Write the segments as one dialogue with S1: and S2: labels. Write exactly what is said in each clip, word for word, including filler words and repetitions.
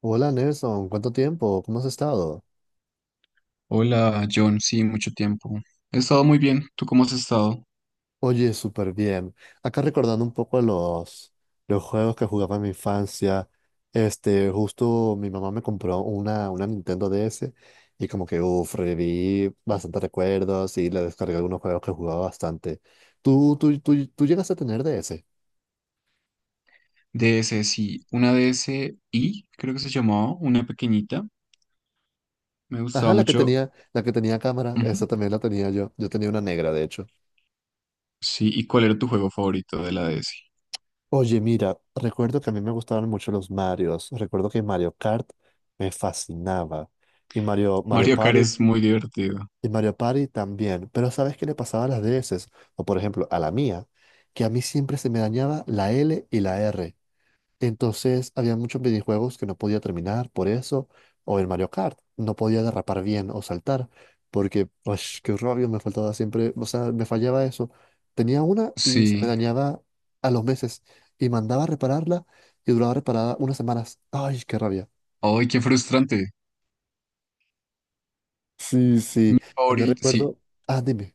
S1: Hola Nelson, ¿cuánto tiempo? ¿Cómo has estado?
S2: Hola, John. Sí, mucho tiempo. He estado muy bien. ¿Tú cómo has estado?
S1: Oye, súper bien. Acá recordando un poco los, los juegos que jugaba en mi infancia. Este, justo mi mamá me compró una, una Nintendo D S y como que, uff, reviví bastantes recuerdos y le descargué algunos juegos que jugaba bastante. ¿Tú, tú, tú, tú llegaste a tener D S?
S2: D S, sí. Una DSi, creo que se llamaba, una pequeñita. Me
S1: Ajá,
S2: gustaba
S1: la que
S2: mucho.
S1: tenía, la que tenía cámara,
S2: Ujú.
S1: esa también la tenía yo. Yo tenía una negra, de hecho.
S2: Sí, ¿y cuál era tu juego favorito de la D S?
S1: Oye, mira, recuerdo que a mí me gustaban mucho los Marios. Recuerdo que Mario Kart me fascinaba. Y Mario, Mario
S2: Mario Kart
S1: Party,
S2: es muy divertido.
S1: y Mario Party también. Pero ¿sabes qué le pasaba a las D S? O por ejemplo, a la mía, que a mí siempre se me dañaba la L y la R. Entonces había muchos videojuegos que no podía terminar por eso, o el Mario Kart, no podía derrapar bien o saltar, porque, ush, qué rollo, me faltaba siempre, o sea, me fallaba eso. Tenía una y se me
S2: Sí.
S1: dañaba a los meses, y mandaba a repararla y duraba reparada unas semanas. Ay, qué rabia.
S2: Ay, qué frustrante.
S1: Sí, sí, también
S2: Favorito, sí.
S1: recuerdo, ah, dime.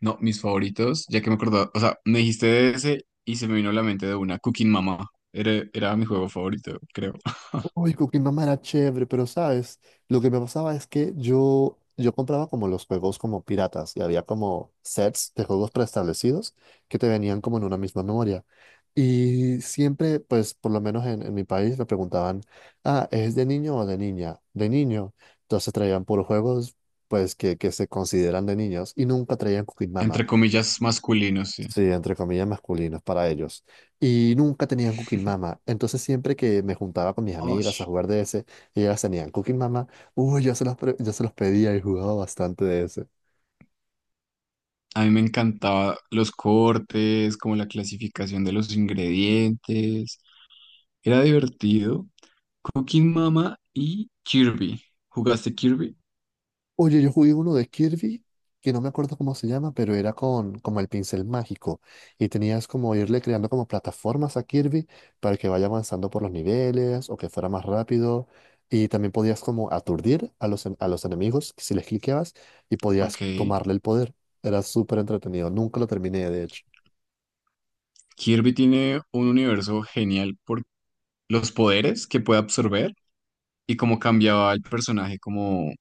S2: No, mis favoritos, ya que me acordaba. O sea, me dijiste D S y se me vino a la mente de una, Cooking Mama. Era, era mi juego favorito, creo.
S1: Uy, Cookie Mama era chévere, pero sabes, lo que me pasaba es que yo, yo compraba como los juegos como piratas y había como sets de juegos preestablecidos que te venían como en una misma memoria. Y siempre, pues por lo menos en, en mi país me preguntaban, ah, ¿es de niño o de niña? De niño. Entonces traían puros juegos pues que, que se consideran de niños y nunca traían Cooking.
S2: Entre comillas, masculino, sí.
S1: Sí, entre comillas masculinos para ellos. Y nunca tenían Cooking Mama. Entonces siempre que me juntaba con mis amigas a
S2: Osh.
S1: jugar D S y ellas tenían Cooking Mama, uy, yo se los, pre- yo se los pedía y jugaba bastante D S.
S2: A mí me encantaba los cortes, como la clasificación de los ingredientes. Era divertido. Cooking Mama y Kirby. ¿Jugaste Kirby?
S1: Oye, yo jugué uno de Kirby, que no me acuerdo cómo se llama, pero era con como el pincel mágico. Y tenías como irle creando como, plataformas a Kirby para que vaya avanzando por los niveles o que fuera más rápido. Y también podías como aturdir a los, en- a los enemigos si les cliqueabas y
S2: Ok.
S1: podías tomarle el poder. Era súper entretenido. Nunca lo terminé, de hecho.
S2: Kirby tiene un universo genial por los poderes que puede absorber y cómo cambiaba el personaje, como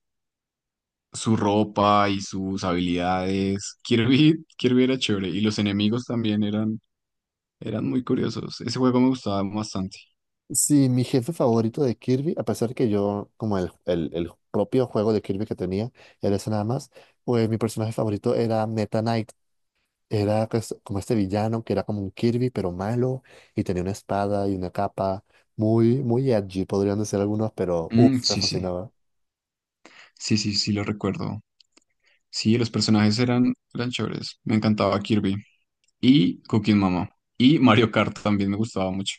S2: su ropa y sus habilidades. Kirby, Kirby era chévere y los enemigos también eran, eran muy curiosos. Ese juego me gustaba bastante.
S1: Sí, mi jefe favorito de Kirby, a pesar que yo, como el, el, el propio juego de Kirby que tenía, era ese nada más, pues mi personaje favorito era Meta Knight. Era pues, como este villano que era como un Kirby, pero malo, y tenía una espada y una capa muy, muy edgy, podrían decir algunos, pero
S2: Mm,
S1: uff, me
S2: sí, sí.
S1: fascinaba.
S2: Sí, sí, sí, lo recuerdo. Sí, los personajes eran, eran chéveres. Me encantaba Kirby y Cooking Mama. Y Mario Kart también me gustaba mucho.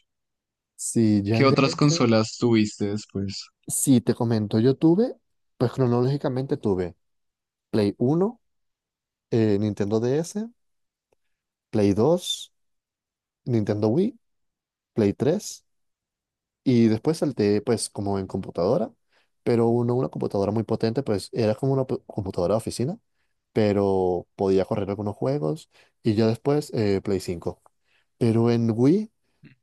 S1: Sí, ya
S2: ¿Qué
S1: en
S2: otras
S1: D S,
S2: consolas tuviste después?
S1: sí, te comento, yo tuve, pues cronológicamente tuve Play uno, eh, Nintendo D S, Play dos, Nintendo Wii, Play tres. Y después salté, pues, como en computadora, pero uno, una computadora muy potente, pues, era como una po- computadora de oficina, pero podía correr algunos juegos. Y ya después, eh, Play cinco. Pero en Wii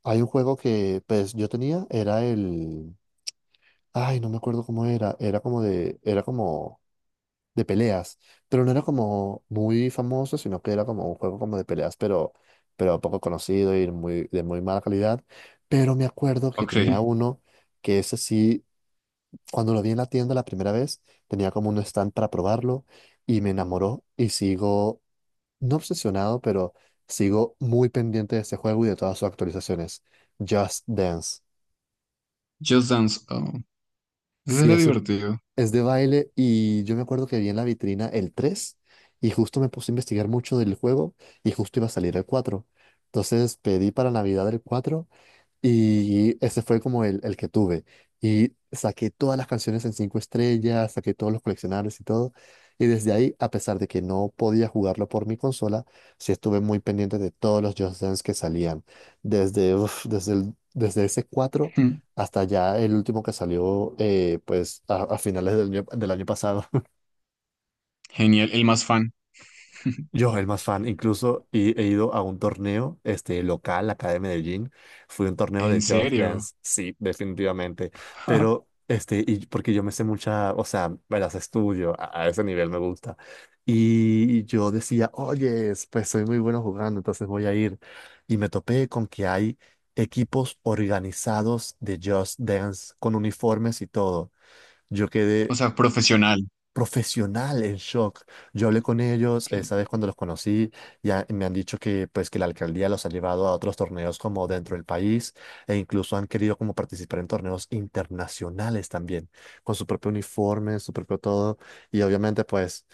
S1: hay un juego que, pues, yo tenía, era el... Ay, no me acuerdo cómo era, era como de... Era como de peleas, pero no era como muy famoso, sino que era como un juego como de peleas, pero, pero poco conocido y muy, de muy mala calidad. Pero me acuerdo que
S2: Ok,
S1: tenía uno que ese sí, cuando lo vi en la tienda la primera vez, tenía como un stand para probarlo y me enamoró y sigo, no obsesionado, pero sigo muy pendiente de este juego y de todas sus actualizaciones. Just Dance.
S2: Just Dance. Oh, ese
S1: Sí
S2: era
S1: es
S2: divertido.
S1: Es de baile y yo me acuerdo que vi en la vitrina el tres y justo me puse a investigar mucho del juego y justo iba a salir el cuatro. Entonces pedí para Navidad el cuatro y ese fue como el, el que tuve. Y saqué todas las canciones en cinco estrellas, saqué todos los coleccionables y todo. Y desde ahí, a pesar de que no podía jugarlo por mi consola, sí estuve muy pendiente de todos los Just Dance que salían. Desde, uf, desde, el- desde ese cuatro
S2: Hmm,
S1: hasta ya el último que salió, eh, pues a, a finales del año, del año pasado.
S2: genial, el más fan.
S1: Yo, el más fan, incluso he, he ido a un torneo este, local acá de Medellín. Fui a un torneo
S2: ¿En
S1: de Just
S2: serio?
S1: Dance, sí, definitivamente. Pero, este, y porque yo me sé mucha, o sea, me las estudio, a, a ese nivel me gusta. Y yo decía, oye, pues soy muy bueno jugando, entonces voy a ir. Y me topé con que hay equipos organizados de Just Dance con uniformes y todo. Yo
S2: O
S1: quedé
S2: sea, profesional.
S1: profesional, el shock. Yo hablé con ellos, eh,
S2: Ok.
S1: sabes, cuando los conocí, ya me han dicho que pues que la alcaldía los ha llevado a otros torneos como dentro del país e incluso han querido como participar en torneos internacionales también, con su propio uniforme, su propio todo y obviamente pues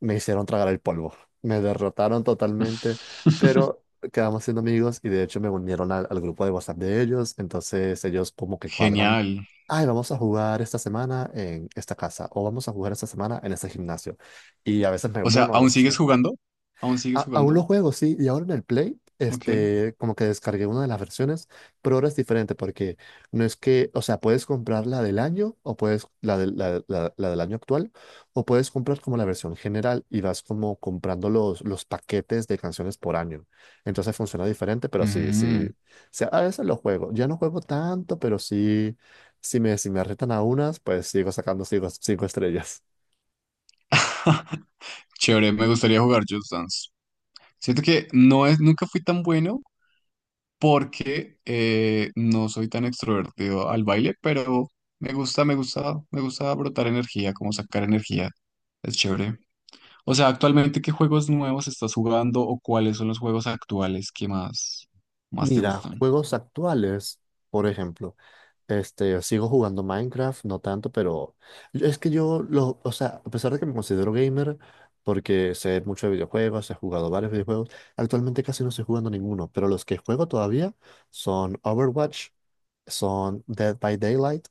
S1: me hicieron tragar el polvo. Me derrotaron totalmente, pero quedamos siendo amigos y de hecho me unieron al, al grupo de WhatsApp de ellos. Entonces ellos como que cuadran,
S2: Genial.
S1: ay, vamos a jugar esta semana en esta casa o vamos a jugar esta semana en este gimnasio. Y a veces me
S2: O sea,
S1: uno, a
S2: ¿aún
S1: veces
S2: sigues
S1: no.
S2: jugando? ¿Aún sigues
S1: A- aún lo
S2: jugando?
S1: juego, sí, y ahora en el Play,
S2: Ok.
S1: este, como que descargué una de las versiones, pero ahora es diferente porque no es que, o sea, puedes comprar la del año o puedes, la, del- la, la- la del año actual, o puedes comprar como la versión general y vas como comprando los, los, paquetes de canciones por año. Entonces funciona diferente, pero sí, sí, o
S2: Mm.
S1: sea, a veces lo juego. Ya no juego tanto, pero sí, si me, si me retan a unas, pues sigo sacando cinco, cinco estrellas.
S2: Chévere, me gustaría jugar Just Dance. Siento que no es, nunca fui tan bueno, porque eh, no soy tan extrovertido al baile, pero me gusta, me gusta, me gusta brotar energía, como sacar energía. Es chévere. O sea, actualmente, ¿qué juegos nuevos estás jugando o cuáles son los juegos actuales que más, más te
S1: Mira,
S2: gustan?
S1: juegos actuales, por ejemplo. Este, yo sigo jugando Minecraft, no tanto, pero yo- es que yo, lo, o sea, a pesar de que me considero gamer, porque sé mucho de videojuegos, he jugado varios videojuegos, actualmente casi no estoy jugando ninguno, pero los que juego todavía son Overwatch, son Dead by Daylight,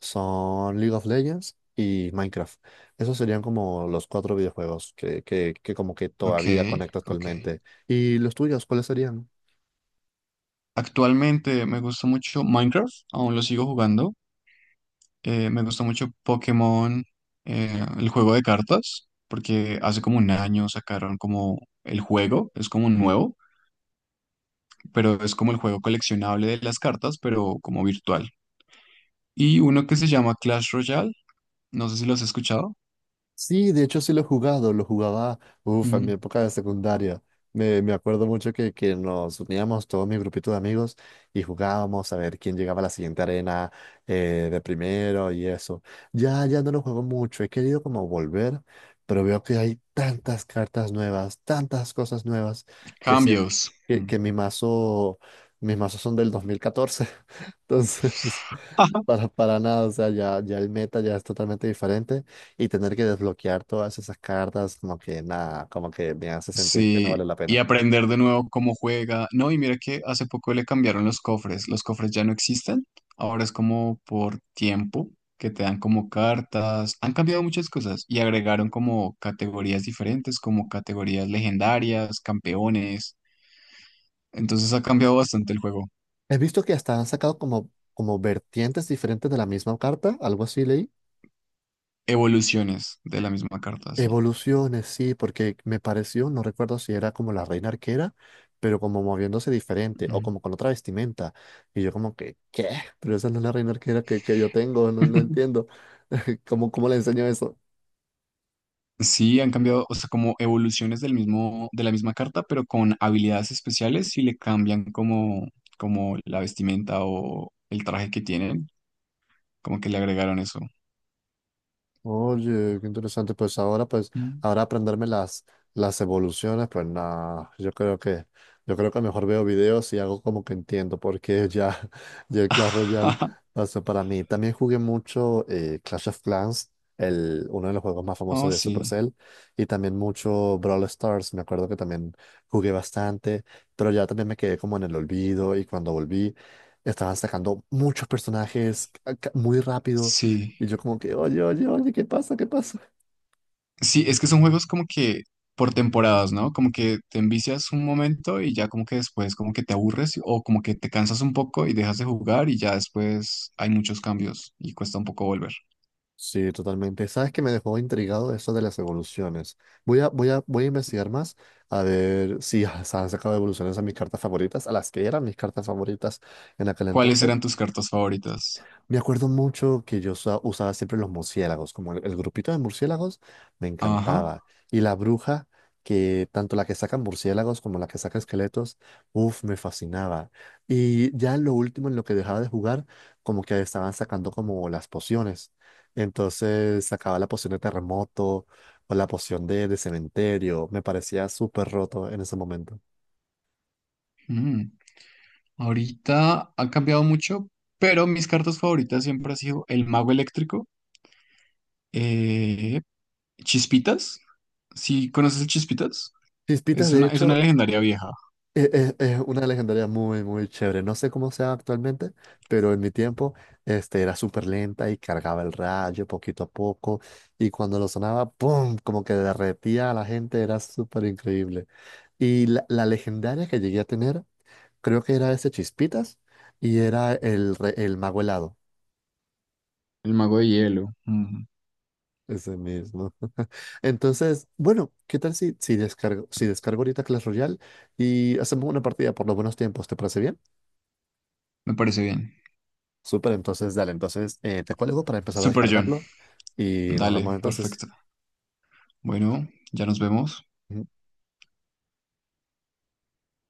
S1: son League of Legends y Minecraft. Esos serían como los cuatro videojuegos que, que, que como que
S2: Ok,
S1: todavía conecto
S2: ok.
S1: actualmente. ¿Y los tuyos, cuáles serían?
S2: Actualmente me gusta mucho Minecraft, aún lo sigo jugando. Eh, me gusta mucho Pokémon, eh, el juego de cartas, porque hace como un año sacaron como el juego, es como nuevo. Pero es como el juego coleccionable de las cartas, pero como virtual. Y uno que se llama Clash Royale, no sé si lo has escuchado.
S1: Sí, de hecho sí lo he jugado, lo jugaba, uff, en mi
S2: Mm,
S1: época de secundaria. Me, me acuerdo mucho que, que nos uníamos todo mi grupito de amigos y jugábamos a ver quién llegaba a la siguiente arena, eh, de primero y eso. Ya, ya no lo juego mucho, he querido como volver, pero veo que hay tantas cartas nuevas, tantas cosas nuevas, que, si
S2: cambios.
S1: que,
S2: Mm.
S1: que mi mazo, mis mazos son del dos mil catorce. Entonces, para, para nada, o sea, ya, ya el meta ya es totalmente diferente y tener que desbloquear todas esas cartas, como que nada, como que me hace sentir que no vale
S2: Sí,
S1: la
S2: y
S1: pena.
S2: aprender de nuevo cómo juega. No, y mira que hace poco le cambiaron los cofres. Los cofres ya no existen. Ahora es como por tiempo que te dan como cartas. Han cambiado muchas cosas y agregaron como categorías diferentes, como categorías legendarias, campeones. Entonces ha cambiado bastante el juego.
S1: He visto que hasta han sacado como, como vertientes diferentes de la misma carta, algo así leí.
S2: Evoluciones de la misma carta, sí.
S1: Evoluciones, sí, porque me pareció, no recuerdo si era como la reina arquera, pero como moviéndose diferente o
S2: Ujú.
S1: como con otra vestimenta. Y yo como que, ¿qué? Pero esa no es la reina arquera que, que yo tengo, no, no entiendo. ¿Cómo, cómo le enseño eso?
S2: Sí, han cambiado, o sea, como evoluciones del mismo, de la misma carta, pero con habilidades especiales y le cambian como, como la vestimenta o el traje que tienen, como que le agregaron eso.
S1: Oye, qué interesante. Pues ahora, pues,
S2: Mm.
S1: ahora aprenderme las, las evoluciones, pues nada, yo creo que, yo creo que mejor veo videos y hago como que entiendo, porque ya, ya el Clash Royale pasó para mí. También jugué mucho eh, Clash of Clans, el, uno de los juegos más famosos
S2: Oh,
S1: de
S2: sí,
S1: Supercell, y también mucho Brawl Stars, me acuerdo que también jugué bastante, pero ya también me quedé como en el olvido y cuando volví, estaban sacando muchos personajes ca- ca- muy rápido
S2: sí.
S1: y yo como que, oye, oye, oye, ¿qué pasa? ¿Qué pasa?
S2: Sí, es que son juegos como que por temporadas, ¿no? Como que te envicias un momento y ya como que después como que te aburres o como que te cansas un poco y dejas de jugar y ya después hay muchos cambios y cuesta un poco volver.
S1: Sí, totalmente. ¿Sabes que me dejó intrigado eso de las evoluciones? Voy a, voy a, voy a investigar más a ver si se han sacado evoluciones a mis cartas favoritas, a las que eran mis cartas favoritas en aquel
S2: ¿Cuáles
S1: entonces.
S2: eran tus cartas favoritas?
S1: Me acuerdo mucho que yo usa- usaba siempre los murciélagos, como el, el grupito de murciélagos me
S2: Ajá.
S1: encantaba. Y la bruja, que tanto la que saca murciélagos como la que saca esqueletos, uff, me fascinaba. Y ya lo último en lo que dejaba de jugar, como que estaban sacando como las pociones. Entonces sacaba la poción de terremoto o la poción de, de cementerio. Me parecía súper roto en ese momento.
S2: Mm. Ahorita ha cambiado mucho, pero mis cartas favoritas siempre ha sido el mago eléctrico, eh, Chispitas. ¿Sí conoces el Chispitas?
S1: Chispitas,
S2: Es
S1: de
S2: una, es una
S1: hecho,
S2: legendaria vieja.
S1: Es, es- es una legendaria muy, muy chévere. No sé cómo sea actualmente, pero en mi tiempo, este, era súper lenta y cargaba el rayo poquito a poco. Y cuando lo sonaba, ¡pum! Como que derretía a la gente, era súper increíble. Y la, la legendaria que llegué a tener, creo que era ese Chispitas y era el, re- el Mago Helado.
S2: El mago de hielo. Mm,
S1: Ese mismo. Entonces, bueno, ¿qué tal si, si descargo, si descargo ahorita Clash Royale y hacemos una partida por los buenos tiempos? ¿Te parece bien?
S2: me parece bien.
S1: Súper, entonces dale, entonces eh, te cuelgo para empezar a
S2: Super John.
S1: descargarlo y nos vemos
S2: Dale,
S1: entonces.
S2: perfecto. Bueno, ya nos vemos.